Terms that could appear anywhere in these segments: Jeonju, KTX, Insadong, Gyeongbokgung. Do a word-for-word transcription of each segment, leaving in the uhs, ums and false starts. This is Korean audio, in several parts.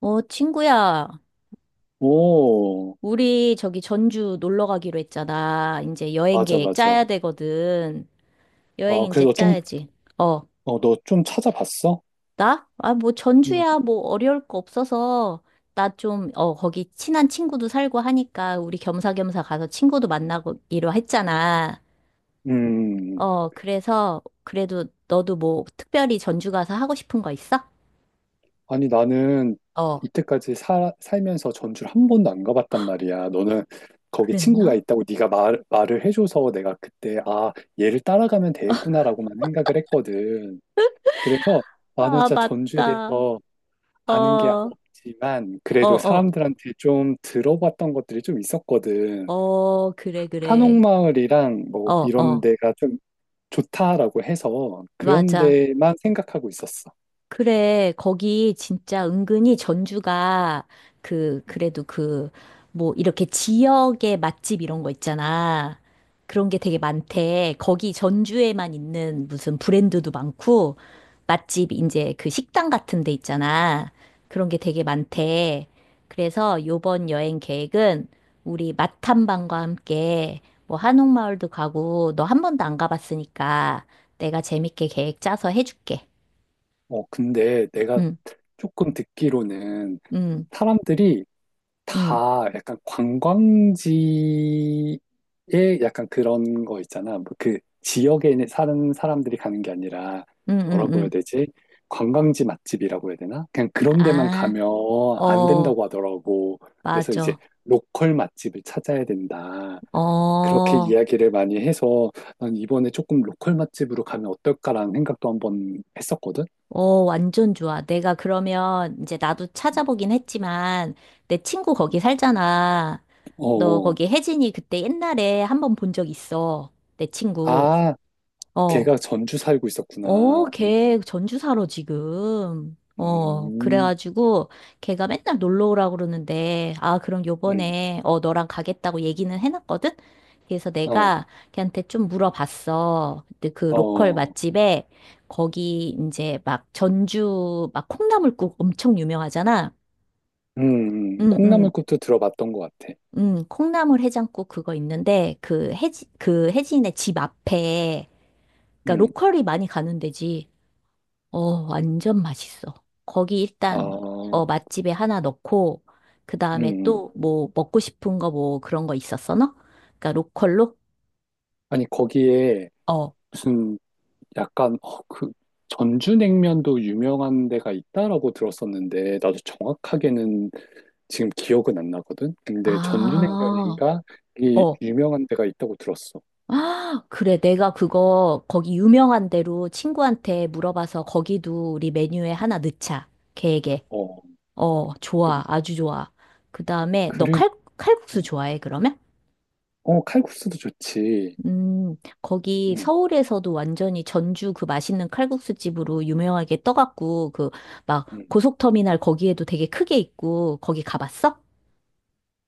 어, 친구야, 오, 우리 저기 전주 놀러 가기로 했잖아. 이제 여행 맞아, 계획 맞아. 짜야 되거든. 아, 여행 이제 그래서 좀, 짜야지. 어, 어, 너 좀 찾아봤어? 나? 아, 뭐 음, 전주야, 뭐 어려울 거 없어서 나 좀, 어, 거기 친한 친구도 살고 하니까 우리 겸사겸사 가서 친구도 만나기로 했잖아. 음. 어, 그래서 그래도 너도 뭐 특별히 전주 가서 하고 싶은 거 있어? 아니, 나는 어, 이때까지 사, 살면서 전주를 한 번도 안 가봤단 말이야. 너는 거기 친구가 그랬나? 있다고 네가 말, 말을 해줘서 내가 그때, 아, 얘를 따라가면 되겠구나라고만 생각을 했거든. 그래서 나는 아, 진짜 전주에 맞다. 대해서 어, 아는 게 어, 없지만, 그래도 어, 사람들한테 좀 들어봤던 것들이 좀 있었거든. 어, 그래, 그래. 한옥마을이랑 어, 뭐 이런 어, 데가 좀 좋다라고 해서 그런 맞아. 데만 생각하고 있었어. 그래, 거기 진짜 은근히 전주가 그, 그래도 그, 뭐, 이렇게 지역의 맛집 이런 거 있잖아. 그런 게 되게 많대. 거기 전주에만 있는 무슨 브랜드도 많고, 맛집, 이제 그 식당 같은 데 있잖아. 그런 게 되게 많대. 그래서 요번 여행 계획은 우리 맛탐방과 함께 뭐 한옥마을도 가고, 너 한 번도 안 가봤으니까 내가 재밌게 계획 짜서 해줄게. 어, 근데 내가 응, 조금 듣기로는 응. 사람들이 응, 다 약간 관광지에 약간 그런 거 있잖아. 뭐 그 지역에 있는 사는 사람들이 가는 게 아니라 응, 응, 뭐라고 해야 응. 되지? 관광지 맛집이라고 해야 되나? 그냥 그런 데만 아, 가면 안 어, 된다고 하더라고. 그래서 이제 맞아. 로컬 맛집을 찾아야 된다. 어, 그렇게 이야기를 많이 해서 난 이번에 조금 로컬 맛집으로 가면 어떨까라는 생각도 한번 했었거든. 어, 완전 좋아. 내가 그러면 이제 나도 찾아보긴 했지만 내 친구 거기 살잖아. 어, 너 어. 거기 혜진이 그때 옛날에 한번 본 적 있어. 내 친구. 아, 어. 걔가 전주 살고 어, 있었구나. 음. 걔 전주사로 지금. 어, 음, 그래가지고 걔가 맨날 놀러 오라고 그러는데, 아, 그럼 음, 요번에, 어, 너랑 가겠다고 얘기는 해놨거든? 그래서 어, 내가 걔한테 좀 물어봤어. 근데 그 로컬 어, 맛집에 거기 이제 막 전주 막 콩나물국 엄청 유명하잖아. 음, 음. 응, 응. 콩나물국도 들어봤던 것 같아. 응, 콩나물 해장국 그거 있는데, 그 해지, 그 해진의 집 앞에, 그니까 음, 로컬이 많이 가는 데지. 어, 완전 맛있어. 거기 아, 일단, 음, 어, 맛집에 하나 넣고, 그 다음에 음. 또 뭐 먹고 싶은 거 뭐 그런 거 있었어, 너? 그러니까 로컬로? 아니, 거기에 어, 무슨 약간, 어, 그, 전주냉면도 유명한 데가 있다라고 들었었는데, 나도 정확하게는 지금 기억은 안 나거든? 근데 아, 전주냉면인가? 이 어. 유명한 데가 있다고 들었어. 아, 그래. 내가 그거 거기 유명한 대로 친구한테 물어봐서 거기도 우리 메뉴에 하나 넣자. 계획에. 어, 어, 그, 좋아. 아주 좋아. 그 다음에 너 그리고, 칼, 칼국수 음. 좋아해, 그러면? 어, 칼국수도 좋지. 음, 거기 음, 서울에서도 완전히 전주 그 맛있는 칼국수 집으로 유명하게 떠갖고, 그, 막, 음. 고속터미널 거기에도 되게 크게 있고, 거기 가봤어?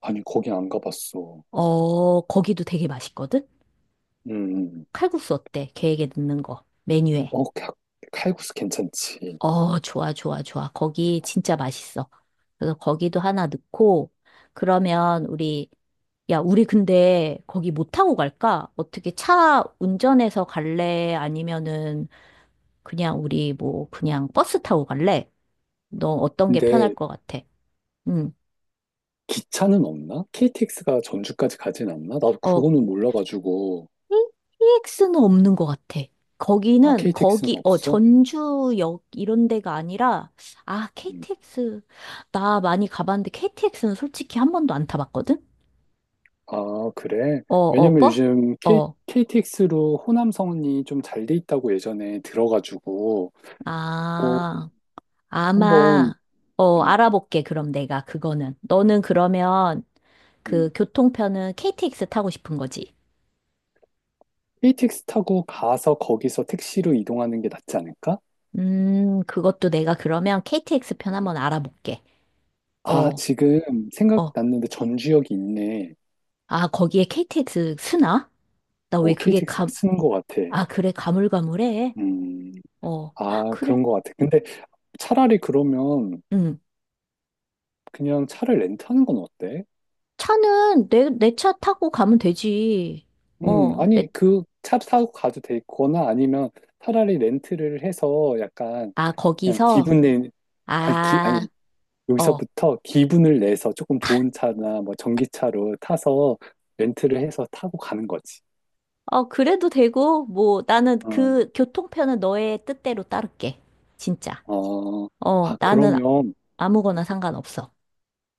아니, 거기 안 가봤어. 어, 거기도 되게 맛있거든? 음. 음. 칼국수 어때? 계획에 넣는 거, 메뉴에. 어, 카- 칼국수 괜찮지. 어, 좋아, 좋아, 좋아. 거기 진짜 맛있어. 그래서 거기도 하나 넣고, 그러면 우리, 야, 우리 근데 거기 못 타고 갈까? 어떻게 차 운전해서 갈래? 아니면은 그냥 우리 뭐 그냥 버스 타고 갈래? 너 어떤 게 편할 근데 것 같아? 음. 기차는 없나? 케이티엑스가 전주까지 가진 않나? 나도 어, 그거는 몰라가지고. 티엑스는 없는 것 같아. 아, 거기는 케이티엑스는 거기 어 없어? 전주역 이런 데가 아니라 아 음. 케이티엑스 나 많이 가봤는데 케이티엑스는 솔직히 한 번도 안 타봤거든? 아, 그래? 어, 어, 왜냐면 버스? 요즘 K, 어. KTX로 호남선이 좀 잘 돼 있다고 예전에 들어가지고 아, 한번 아마 어 음, 알아볼게 그럼 내가 그거는 너는 그러면 음. 그 교통편은 케이티엑스 타고 싶은 거지? 케이티엑스 타고 가서 거기서 택시로 이동하는 게 낫지 않을까? 음, 그것도 내가 그러면 케이티엑스 편 한번 알아볼게. 아, 어, 지금 어. 생각났는데 전주역이 있네. 아, 거기에 케이티엑스 쓰나? 나 왜 오, 그게 케이티엑스가 감, 쓰는 것 같아. 아, 그래, 가물가물해. 음, 어, 헉, 아, 그래. 그런 것 같아. 근데 차라리 그러면 응. 그냥 차를 렌트하는 건 어때? 차는 내, 내 차 타고 가면 되지. 음, 어, 내, 아니, 그 차 사고 가도 되거나 아니면 차라리 렌트를 해서 약간 아, 그냥 거기서? 기분 내, 아니, 기, 아니, 아, 어. 여기서부터 기분을 내서 조금 좋은 차나 뭐 전기차로 타서 렌트를 해서 타고 가는 거지. 어, 그래도 되고, 뭐, 나는 어, 그 교통편은 너의 뜻대로 따를게. 진짜. 어, 어, 아, 나는 그러면 아무거나 상관없어.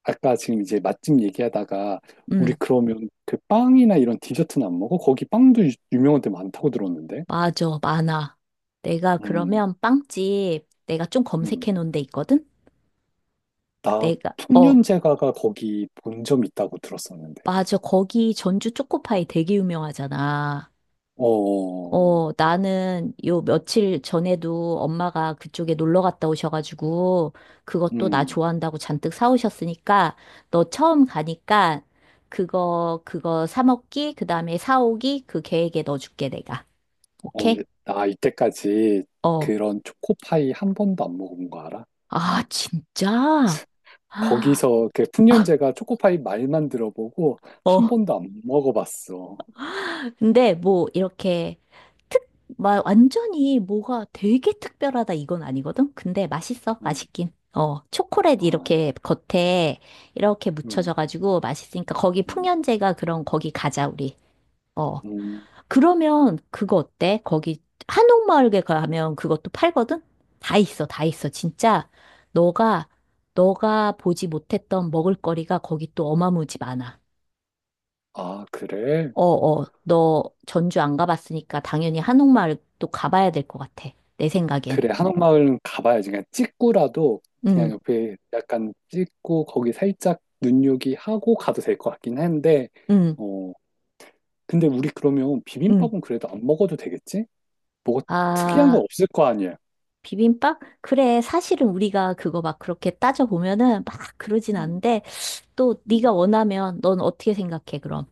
아까 지금 이제 맛집 얘기하다가 우리 음. 그러면 그 빵이나 이런 디저트는 안 먹어? 거기 빵도 유- 유명한 데 많다고 들었는데. 맞아, 많아. 내가 음, 그러면 빵집 내가 좀 음. 검색해 놓은 데 있거든? 나 내가, 어, 풍년제과가 거기 본점 있다고 들었었는데. 맞아. 거기 전주 초코파이 되게 유명하잖아. 어, 어, 나는 요 며칠 전에도 엄마가 그쪽에 놀러 갔다 오셔가지고 그것도 나 음, 좋아한다고 잔뜩 사오셨으니까 너 처음 가니까 그거, 그거 사 먹기, 그 다음에 사오기 그 계획에 넣어줄게, 내가. 어, 오케이? 근데 나 이때까지 어. 그런 초코파이 한 번도 안 먹어본 거 알아? 아, 진짜? 아, 거기서 그 풍년제가 초코파이 말만 들어보고 한 어. 번도 안 먹어봤어. 근데 뭐 이렇게 특, 막 완전히 뭐가 되게 특별하다 이건 아니거든? 근데 맛있어, 응, 맛있긴. 어, 초콜릿 아, 이렇게 겉에 이렇게 음, 묻혀져가지고 맛있으니까 거기 음, 풍년제가 그런 거기 가자, 우리. 어, 음. 그러면 그거 어때? 거기 한옥마을에 가면 그것도 팔거든? 다 있어, 다 있어. 진짜 너가, 너가 보지 못했던 먹을거리가 거기 또 어마무지 많아. 아, 그래? 어, 어, 너 전주 안 가봤으니까 당연히 한옥마을 또 가봐야 될 것 같아. 내 생각엔. 그래, 한옥마을은 가봐야지. 그냥 찍고라도 그냥 응, 옆에 약간 찍고 거기 살짝 눈요기 하고 가도 될 것 같긴 한데, 응, 어, 근데 우리 그러면 응. 비빔밥은 그래도 안 먹어도 되겠지? 뭐가 특이한 건 아, 없을 거 아니야. 비빔밥? 그래, 사실은 우리가 그거 막 그렇게 따져보면은 막 그러진 음, 않은데, 또 음. 네가 원하면 넌 어떻게 생각해, 그럼?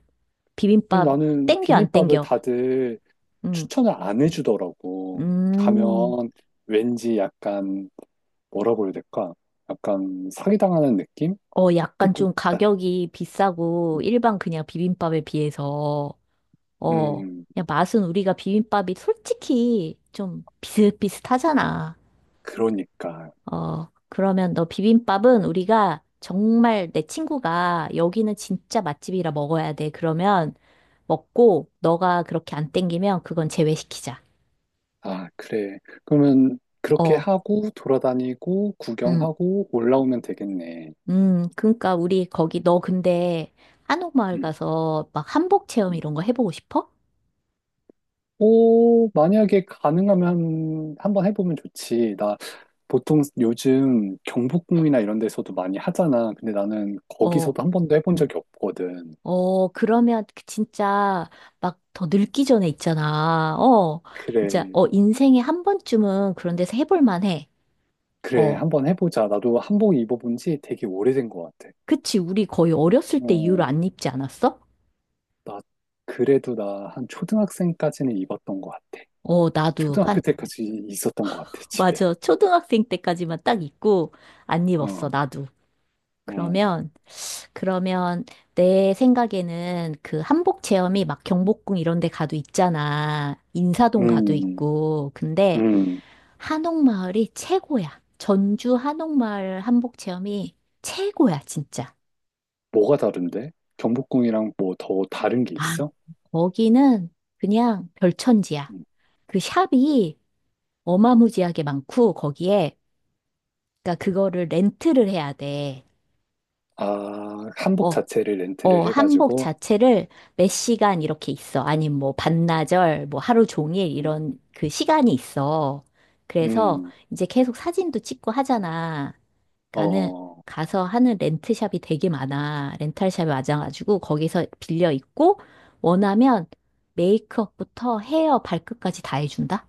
아니, 비빔밥 나는 땡겨, 안 비빔밥을 땡겨? 다들 응, 추천을 안 해주더라고. 음, 가면 왠지 약간 뭐라고 해야 될까? 약간 사기당하는 느낌? 어, 약간 조금, 좀 있다. 가격이 비싸고 음, 일반 그냥 비빔밥에 비해서 어, 음, 그냥 맛은 우리가 비빔밥이 솔직히 좀 비슷비슷하잖아. 그러니까. 어, 그러면 너 비빔밥은 우리가 정말 내 친구가 여기는 진짜 맛집이라 먹어야 돼. 그러면 먹고 너가 그렇게 안 땡기면 그건 제외시키자. 아, 그래. 그러면 그렇게 어, 하고 돌아다니고 음, 구경하고 올라오면 되겠네. 음, 그러니까 우리 거기 너 근데 한옥마을 음, 가서 막 한복 체험 음. 이런 거 해보고 싶어? 오, 만약에 가능하면 한번 해보면 좋지. 나 보통 요즘 경복궁이나 이런 데서도 많이 하잖아. 근데 나는 어, 거기서도 한 번도 해본 적이 없거든. 어, 그러면 그 진짜 막 더 늙기 전에 있잖아. 어, 진짜, 그래, 어, 인생에 한 번쯤은 그런 데서 해볼 만해. 그래, 어, 한번 해보자. 나도 한복 입어본 지 되게 오래된 것 같아. 그치. 우리 거의 어렸을 때 이후로 어, 안 입지 않았어? 나, 그래도 나 한 초등학생까지는 입었던 것 같아. 어, 나도 초등학교 한, 때까지 있었던 것 같아, 집에. 맞아. 초등학생 때까지만 딱 입고 안 입었어, 어, 나도. 어, 그러면, 그러면 내 생각에는 그 한복 체험이 막 경복궁 이런 데 가도 있잖아. 인사동 가도 음, 있고. 근데 음. 한옥마을이 최고야. 전주 한옥마을 한복 체험이 최고야, 진짜. 뭐가 다른데? 경복궁이랑 뭐 더 다른 게 아, 있어? 거기는 그냥 별천지야. 음. 그 샵이 어마무지하게 많고, 거기에, 그러니까 그거를 렌트를 해야 돼. 아, 한복 어, 자체를 어, 렌트를 한복 해가지고, 자체를 몇 시간 이렇게 있어. 아니면 뭐 반나절, 뭐 하루 종일 음, 이런 그 시간이 있어. 그래서 음, 이제 계속 사진도 찍고 하잖아. 그러니까는 어, 가서 하는 렌트샵이 되게 많아. 렌탈샵이 많아가지고 거기서 빌려 입고 원하면 메이크업부터 헤어 발끝까지 다 해준다?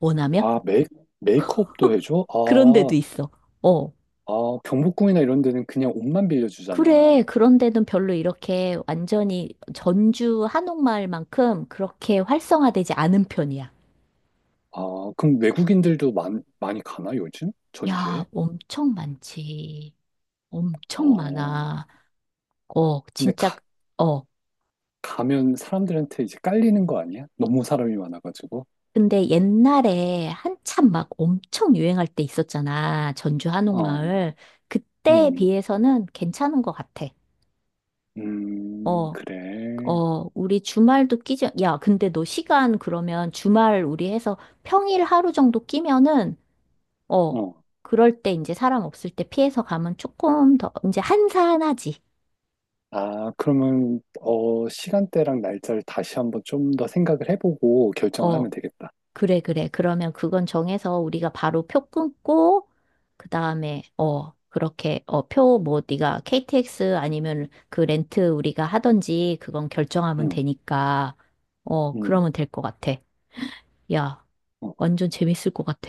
원하면? 아, 메이, 메이크업도 해줘? 그런 데도 아, 있어. 어. 아, 경복궁이나 이런 데는 그냥 옷만 그래. 빌려주잖아. 그런 데는 별로 이렇게 완전히 전주 한옥마을만큼 그렇게 활성화되지 않은 편이야. 아, 그럼 외국인들도 많, 많이 가나, 요즘? 야, 전주에? 엄청 많지. 엄청 어, 많아. 어, 근데 진짜, 가, 어. 가면 사람들한테 이제 깔리는 거 아니야? 너무 사람이 많아가지고. 근데 옛날에 한참 막 엄청 유행할 때 있었잖아. 전주 어, 한옥마을. 그때에 음, 비해서는 괜찮은 것 같아. 음, 어, 그래. 어, 우리 주말도 끼지. 야, 근데 너 시간 그러면 주말 우리 해서 평일 하루 정도 끼면은, 어, 어, 그럴 때 이제 사람 없을 때 피해서 가면 조금 더, 이제 한산하지. 아, 그러면, 어, 시간대랑 날짜를 다시 한번 좀 더 생각을 해보고 결정을 어, 하면 되겠다. 그래, 그래. 그러면 그건 정해서 우리가 바로 표 끊고, 그 다음에, 어, 그렇게, 어, 표 뭐, 네가 케이티엑스 아니면 그 렌트 우리가 하던지 그건 결정하면 응, 되니까, 어, 응. 그러면 될 것 같아. 야, 어. 완전 재밌을 것 같아.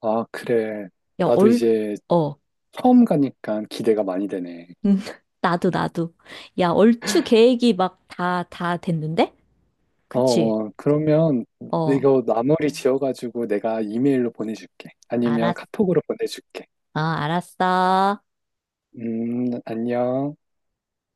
아, 그래. 야, 나도 얼, 이제 어, 음, 처음 가니까 기대가 많이 되네. 나도, 나도. 야, 얼추 계획이 막 다, 다 됐는데? 어, 그치? 어, 그러면 어, 이거 나머리 지어가지고 내가 이메일로 보내줄게. 아니면 알았, 카톡으로 보내줄게. 어, 알았어. 음, 안녕.